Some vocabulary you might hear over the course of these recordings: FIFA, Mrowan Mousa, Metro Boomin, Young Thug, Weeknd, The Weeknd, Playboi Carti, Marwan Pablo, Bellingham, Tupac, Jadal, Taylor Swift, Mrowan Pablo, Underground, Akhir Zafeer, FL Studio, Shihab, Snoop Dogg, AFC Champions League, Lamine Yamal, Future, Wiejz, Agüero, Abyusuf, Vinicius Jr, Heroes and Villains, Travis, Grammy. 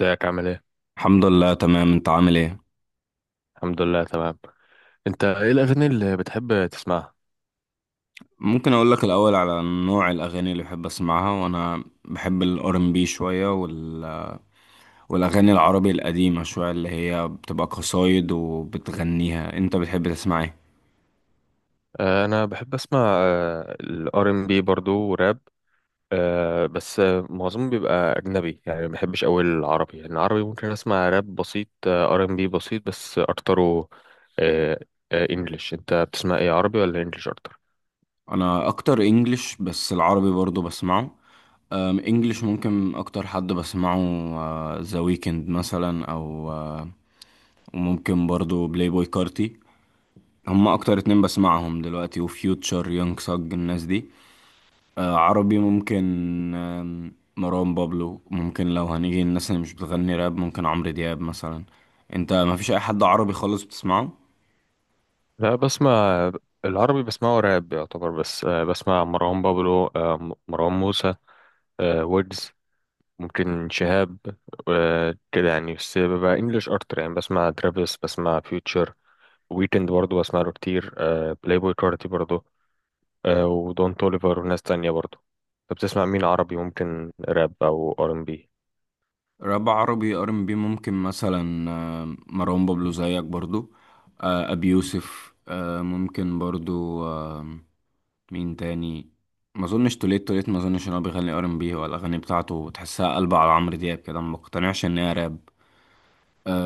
ازيك عامل ايه؟ الحمد لله تمام، انت عامل ايه؟ الحمد لله تمام. انت ايه الاغاني اللي بتحب تسمعها؟ ممكن اقول لك الاول على نوع الاغاني اللي بحب اسمعها، وانا بحب الار ام بي شويه والاغاني العربي القديمه شويه اللي هي بتبقى قصايد وبتغنيها. انت بتحب تسمع ايه؟ انا بحب اسمع الار ام بي برضو وراب. بس معظمه بيبقى اجنبي، يعني ما بحبش قوي العربي. يعني العربي ممكن اسمع راب بسيط، ار ام بي بسيط، بس اكتره انجلش. انت بتسمع ايه، عربي ولا انجلش اكتر؟ انا اكتر انجلش، بس العربي برضو بسمعه. انجلش ممكن اكتر حد بسمعه ذا ويكند مثلا، او وممكن برضو بلاي بوي كارتي. هما اكتر اتنين بسمعهم دلوقتي، وفيوتشر يونج ساج الناس دي. عربي ممكن. مروان بابلو ممكن، لو هنيجي الناس اللي مش بتغني راب ممكن عمرو دياب مثلا. انت ما فيش اي حد عربي خالص بتسمعه؟ لا، بسمع. العربي بسمعه راب يعتبر، بس بسمع مروان بابلو، مروان موسى، ويجز، ممكن شهاب، كده يعني. بس ببقى انجلش اكتر، يعني بسمع ترافيس، بسمع فيوتشر، ويكند برضه بسمع له كتير. بلاي بوي كارتي برضه، ودون توليفر وناس تانية برضه. طب بتسمع مين عربي؟ ممكن راب او ار ام بي؟ راب عربي ار ام بي ممكن مثلا مروان بابلو زيك برضو، ابي يوسف، ممكن برضو. مين تاني؟ ما اظنش توليت، ما اظنش ان هو بيغني ار ام بي، ولا الاغاني بتاعته تحسها قلبه على عمرو دياب كده، ما بقتنعش ان هي راب.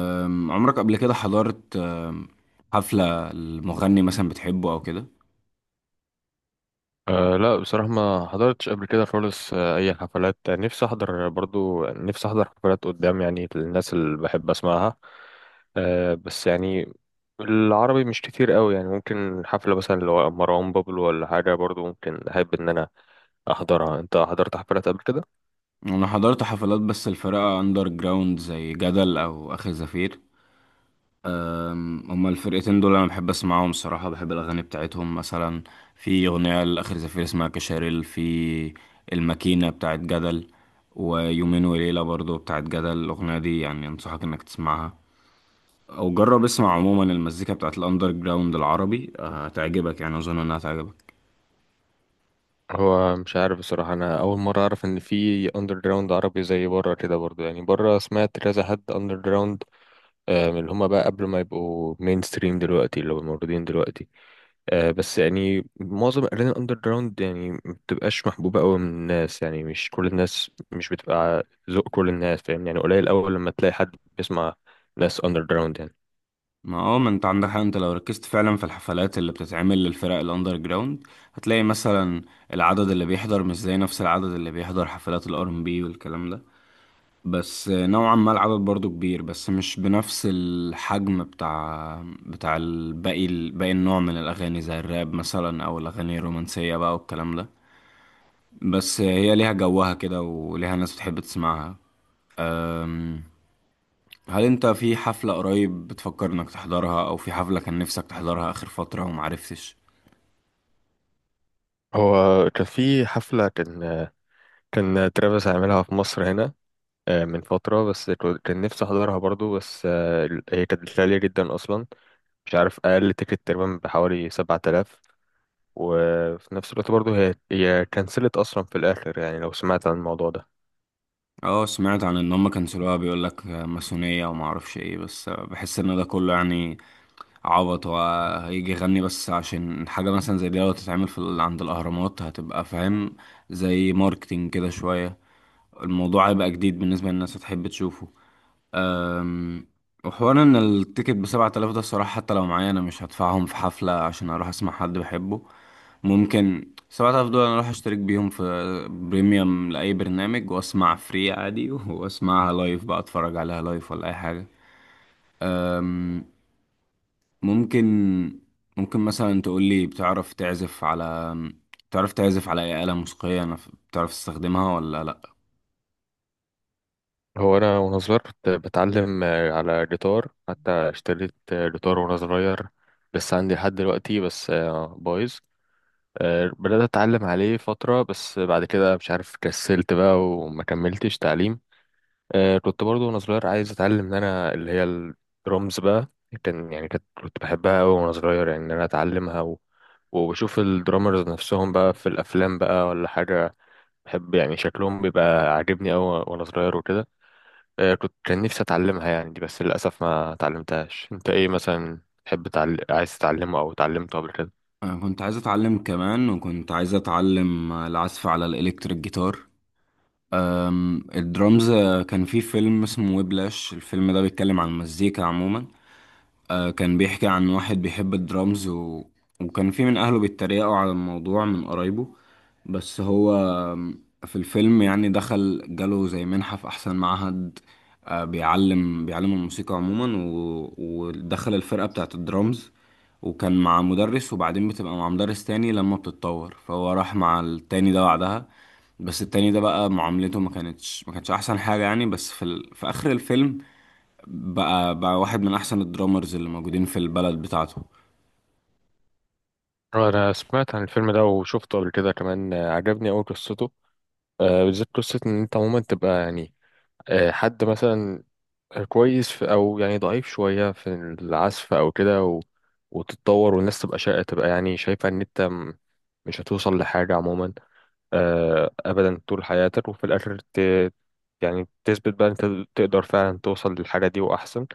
عمرك قبل كده حضرت حفلة المغني مثلا بتحبه أو كده؟ أه لا، بصراحة ما حضرتش قبل كده خالص أي حفلات. نفسي أحضر، برضو نفسي أحضر حفلات قدام، يعني الناس اللي بحب أسمعها. بس يعني العربي مش كتير قوي، يعني ممكن حفلة مثلا لو مروان بابلو ولا حاجة، برضو ممكن أحب إن أنا أحضرها. أنت حضرت حفلات قبل كده؟ أنا حضرت حفلات، بس الفرقة أندر جراوند، زي جدل أو آخر زفير. هما الفرقتين دول أنا بحب أسمعهم صراحة، بحب الأغاني بتاعتهم. مثلا في أغنية لآخر زفير اسمها كشاريل، في الماكينة بتاعت جدل، ويومين وليلة برضو بتاعت جدل. الأغنية دي يعني أنصحك إنك تسمعها. أو جرب اسمع عموما المزيكا بتاعت الأندر جراوند العربي، هتعجبك، يعني أظن إنها هتعجبك. هو مش عارف بصراحة، أنا أول مرة أعرف إن في أندر جراوند عربي. زي بره كده برضو، يعني بره سمعت كذا حد أندر جراوند، من اللي هما بقى قبل ما يبقوا مين ستريم دلوقتي اللي هما موجودين دلوقتي. بس يعني معظم الأغاني الأندر جراوند يعني ما بتبقاش محبوبة أوي من الناس، يعني مش كل الناس، مش بتبقى ذوق كل الناس، فاهم؟ يعني قليل أوي لما تلاقي حد بيسمع ناس أندر جراوند يعني. ما انت عندك حق. انت لو ركزت فعلا في الحفلات اللي بتتعمل للفرق الاندر جراوند، هتلاقي مثلا العدد اللي بيحضر مش زي نفس العدد اللي بيحضر حفلات الار ام بي والكلام ده. بس نوعا ما العدد برضو كبير، بس مش بنفس الحجم بتاع الباقي، باقي النوع من الاغاني زي الراب مثلا او الاغاني الرومانسية بقى والكلام ده. بس هي ليها جوها كده وليها ناس بتحب تسمعها. هل انت في حفلة قريب بتفكر انك تحضرها، او في حفلة كان نفسك تحضرها اخر فترة ومعرفتش؟ هو كان في حفلة، كان ترافيس عاملها في مصر هنا. من فترة، بس كان نفسي أحضرها برضو. بس هي كانت غالية جدا أصلا. مش عارف، أقل تيكت تقريبا بحوالي 7000. وفي نفس الوقت برضو هي كنسلت أصلا في الآخر، يعني لو سمعت عن الموضوع ده. اه، سمعت عن ان هم كنسلوها. بيقولك ماسونية ومعرفش ايه، بس بحس ان ده كله يعني عبط، وهيجي يغني بس. عشان حاجة مثلا زي دي لو تتعمل في عند الاهرامات، هتبقى فاهم، زي ماركتينج كده شوية. الموضوع هيبقى جديد بالنسبة للناس، هتحب تشوفه. أم، وحوار ان التيكت بـ7,000 ده، الصراحة حتى لو معايا انا مش هدفعهم في حفلة عشان اروح اسمع حد بحبه. ممكن سبعة آلاف دول انا اروح اشترك بيهم في بريميوم لأي برنامج واسمع فري عادي واسمعها لايف بقى، اتفرج عليها لايف ولا اي حاجة. أم، ممكن ممكن مثلا تقولي، بتعرف تعزف على اي آلة موسيقية، انا بتعرف تستخدمها ولا لا؟ هو انا، وانا صغير كنت بتعلم على جيتار، حتى اشتريت جيتار وانا صغير. لسه عندي لحد دلوقتي، بس بايظ. بدأت اتعلم عليه فترة، بس بعد كده مش عارف، كسلت بقى وما كملتش تعليم. كنت برضو وانا صغير عايز اتعلم ان انا، اللي هي الدرمز بقى. كان يعني كنت بحبها قوي وانا صغير، يعني ان انا اتعلمها، و... وبشوف الدرامرز نفسهم بقى في الافلام بقى ولا حاجة. بحب يعني شكلهم بيبقى عاجبني قوي وانا صغير وكده. آه، كنت كان نفسي اتعلمها يعني دي، بس للاسف ما اتعلمتهاش. انت ايه مثلا تحب عايز تتعلمه او اتعلمته قبل كده؟ انا كنت عايز اتعلم كمان، وكنت عايز اتعلم العزف على الالكتريك جيتار. الدرامز، كان في فيلم اسمه ويبلاش. الفيلم ده بيتكلم عن المزيكا عموما، كان بيحكي عن واحد بيحب الدرامز، وكان في من أهله بيتريقوا على الموضوع من قرايبه. بس هو في الفيلم يعني دخل جاله زي منحة في أحسن معهد، بيعلم الموسيقى عموما، ودخل الفرقة بتاعت الدرامز. وكان مع مدرس، وبعدين بتبقى مع مدرس تاني لما بتتطور، فهو راح مع التاني ده بعدها. بس التاني ده بقى معاملته ما كانتش أحسن حاجة يعني. بس في في آخر الفيلم، بقى واحد من احسن الدرامرز اللي موجودين في البلد بتاعته. انا سمعت عن الفيلم ده وشفته قبل كده كمان. عجبني أوي قصته. بالذات قصة ان انت عموما تبقى يعني حد مثلا كويس في، او يعني ضعيف شوية في العزف او كده، و... وتتطور والناس تبقى تبقى يعني شايفة ان انت مش هتوصل لحاجة عموما. أبدا طول حياتك، وفي الآخر يعني تثبت بقى أنت تقدر فعلا توصل للحاجة دي، وأحسن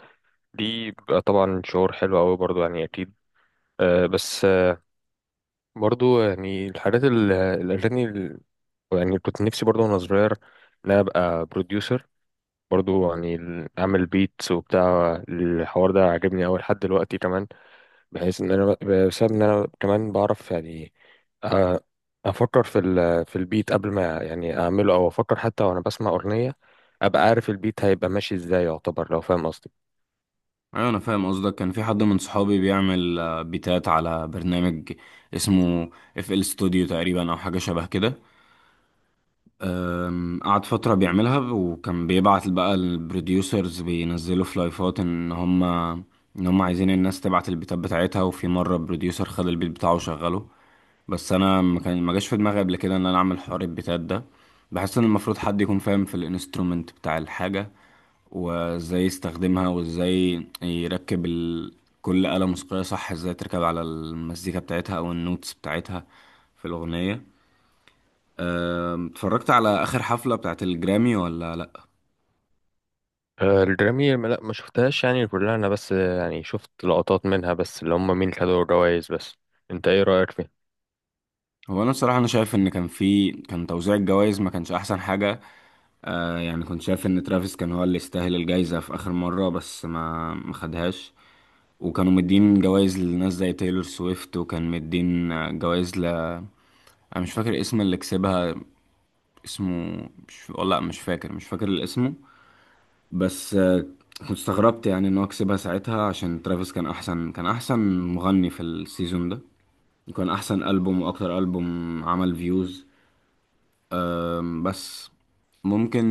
دي بيبقى طبعا شعور حلو أوي برضو، يعني أكيد. بس برضو يعني الأغاني يعني كنت نفسي برضو وأنا صغير إن أنا أبقى بروديوسر. برضو يعني أعمل بيتس وبتاع الحوار ده عاجبني أوي لحد دلوقتي كمان. بحيث ان انا، بسبب ان انا كمان بعرف يعني أ- افكر في البيت قبل ما يعني اعمله، او افكر حتى وانا بسمع اغنيه، ابقى عارف البيت هيبقى ماشي ازاي، يعتبر، لو فاهم قصدي. ايوه، انا فاهم قصدك. كان في حد من صحابي بيعمل بيتات على برنامج اسمه اف ال ستوديو تقريبا، او حاجه شبه كده. قعد فتره بيعملها، وكان بيبعت بقى، البروديوسرز بينزلوا في لايفات ان هم عايزين الناس تبعت البيتات بتاعتها، وفي مره بروديوسر خد البيت بتاعه وشغله. بس انا ما جاش في دماغي قبل كده ان انا اعمل حوار البيتات ده. بحس ان المفروض حد يكون فاهم في الانسترومنت بتاع الحاجه، وازاي يستخدمها، وازاي يركب كل آلة موسيقية صح، ازاي تركب على المزيكا بتاعتها او النوتس بتاعتها في الأغنية. اتفرجت على آخر حفلة بتاعت الجرامي ولا لأ؟ الجرامي لا، ما شفتهاش يعني كلها انا، بس يعني شفت لقطات منها بس، اللي هم مين خدوا الجوائز بس. انت ايه رايك فيه؟ هو أنا بصراحة أنا شايف إن كان توزيع الجوائز ما كانش أحسن حاجة. آه، يعني كنت شايف ان ترافيس كان هو اللي يستاهل الجايزة في اخر مرة، بس ما خدهاش. وكانوا مدين جوائز لناس زي تايلور سويفت، وكان مدين جوائز ل... انا مش فاكر اسم اللي كسبها. اسمه مش، والله مش فاكر، اسمه. بس كنت استغربت يعني ان هو كسبها ساعتها، عشان ترافيس كان احسن مغني في السيزون ده، وكان احسن البوم واكتر البوم عمل فيوز. بس ممكن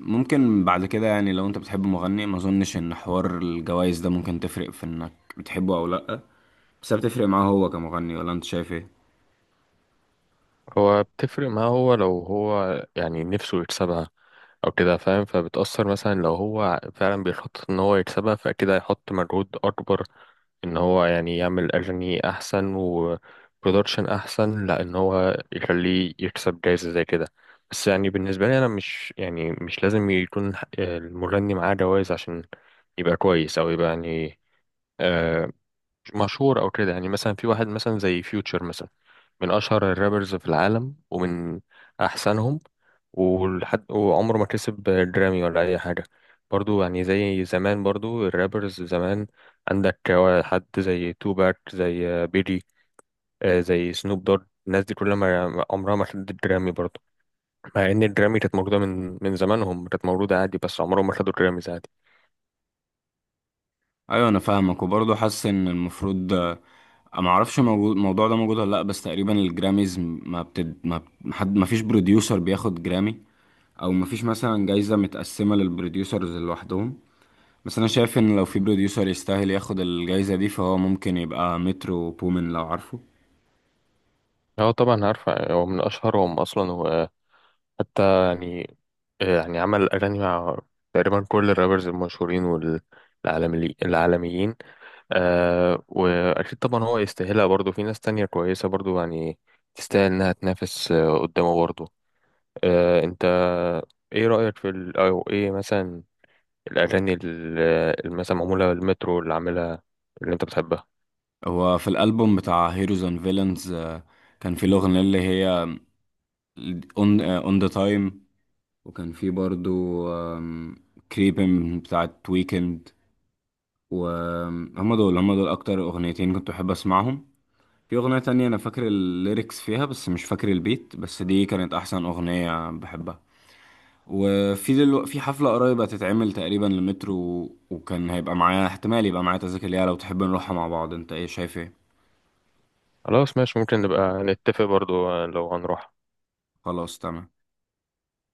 ممكن بعد كده يعني، لو انت بتحب مغني ما اظنش ان حوار الجوائز ده ممكن تفرق في انك بتحبه او لا. بس هي بتفرق معاه هو كمغني، ولا انت شايف ايه؟ هو بتفرق معاه، هو لو هو يعني نفسه يكسبها او كده فاهم، فبتأثر. مثلا لو هو فعلا بيخطط ان هو يكسبها، فاكيد هيحط مجهود اكبر، ان هو يعني يعمل اغاني احسن وبرودكشن احسن، لا ان هو يخليه يكسب جايزة زي كده. بس يعني بالنسبة لي انا، مش يعني مش لازم يكون المغني معاه جوائز عشان يبقى كويس، او يبقى يعني آه، مشهور او كده. يعني مثلا في واحد مثلا زي فيوتشر مثلا، من اشهر الرابرز في العالم ومن احسنهم، ولحد وعمره ما كسب جرامي ولا اي حاجه. برضو يعني زي زمان، برضو الرابرز زمان عندك حد زي توباك، زي بيجي، زي سنوب دوج. الناس دي كلها عمرها ما خدت جرامي برضو، مع ان الجرامي كانت موجوده من زمانهم، كانت موجوده عادي، بس عمرهم ما خدوا جراميز عادي. ايوه، انا فاهمك، وبرضه حاسس ان المفروض، ما اعرفش موجود الموضوع ده موجود ولا لا، بس تقريبا الجراميز ما بتد ما ما حد ما فيش بروديوسر بياخد جرامي، او ما فيش مثلا جايزة متقسمة للبروديوسرز لوحدهم. بس انا شايف ان لو في بروديوسر يستاهل ياخد الجايزة دي، فهو ممكن يبقى مترو بومن لو عارفه. هو طبعا عارفه، هو من اشهرهم اصلا. حتى يعني يعني عمل أغاني مع تقريبا كل الرابرز المشهورين والعالمي العالميين. وأكيد طبعا هو يستاهلها برضه. في ناس تانية كويسة برضه، يعني تستاهل إنها تنافس قدامه برضه. أنت إيه رأيك في ال أو إيه مثلا الأغاني اللي مثلا معمولة المترو اللي عاملها، اللي أنت بتحبها؟ هو في الالبوم بتاع هيروز اند فيلنز، كان في الاغنية اللي هي اون اون ذا تايم، وكان في برضه كريبن بتاعت ويكند. وهم دول اكتر اغنيتين كنت بحب اسمعهم. في اغنية تانية انا فاكر الليركس فيها بس مش فاكر البيت، بس دي كانت احسن اغنية بحبها. وفي في حفلة قريبة هتتعمل تقريبا لمترو، وكان هيبقى معايا احتمال يبقى معايا تذاكر ليها، لو تحب نروحها مع بعض. انت ايه شايف ايه؟ خلاص ماشي، ممكن نبقى نتفق برضه لو هنروح. خلاص تمام.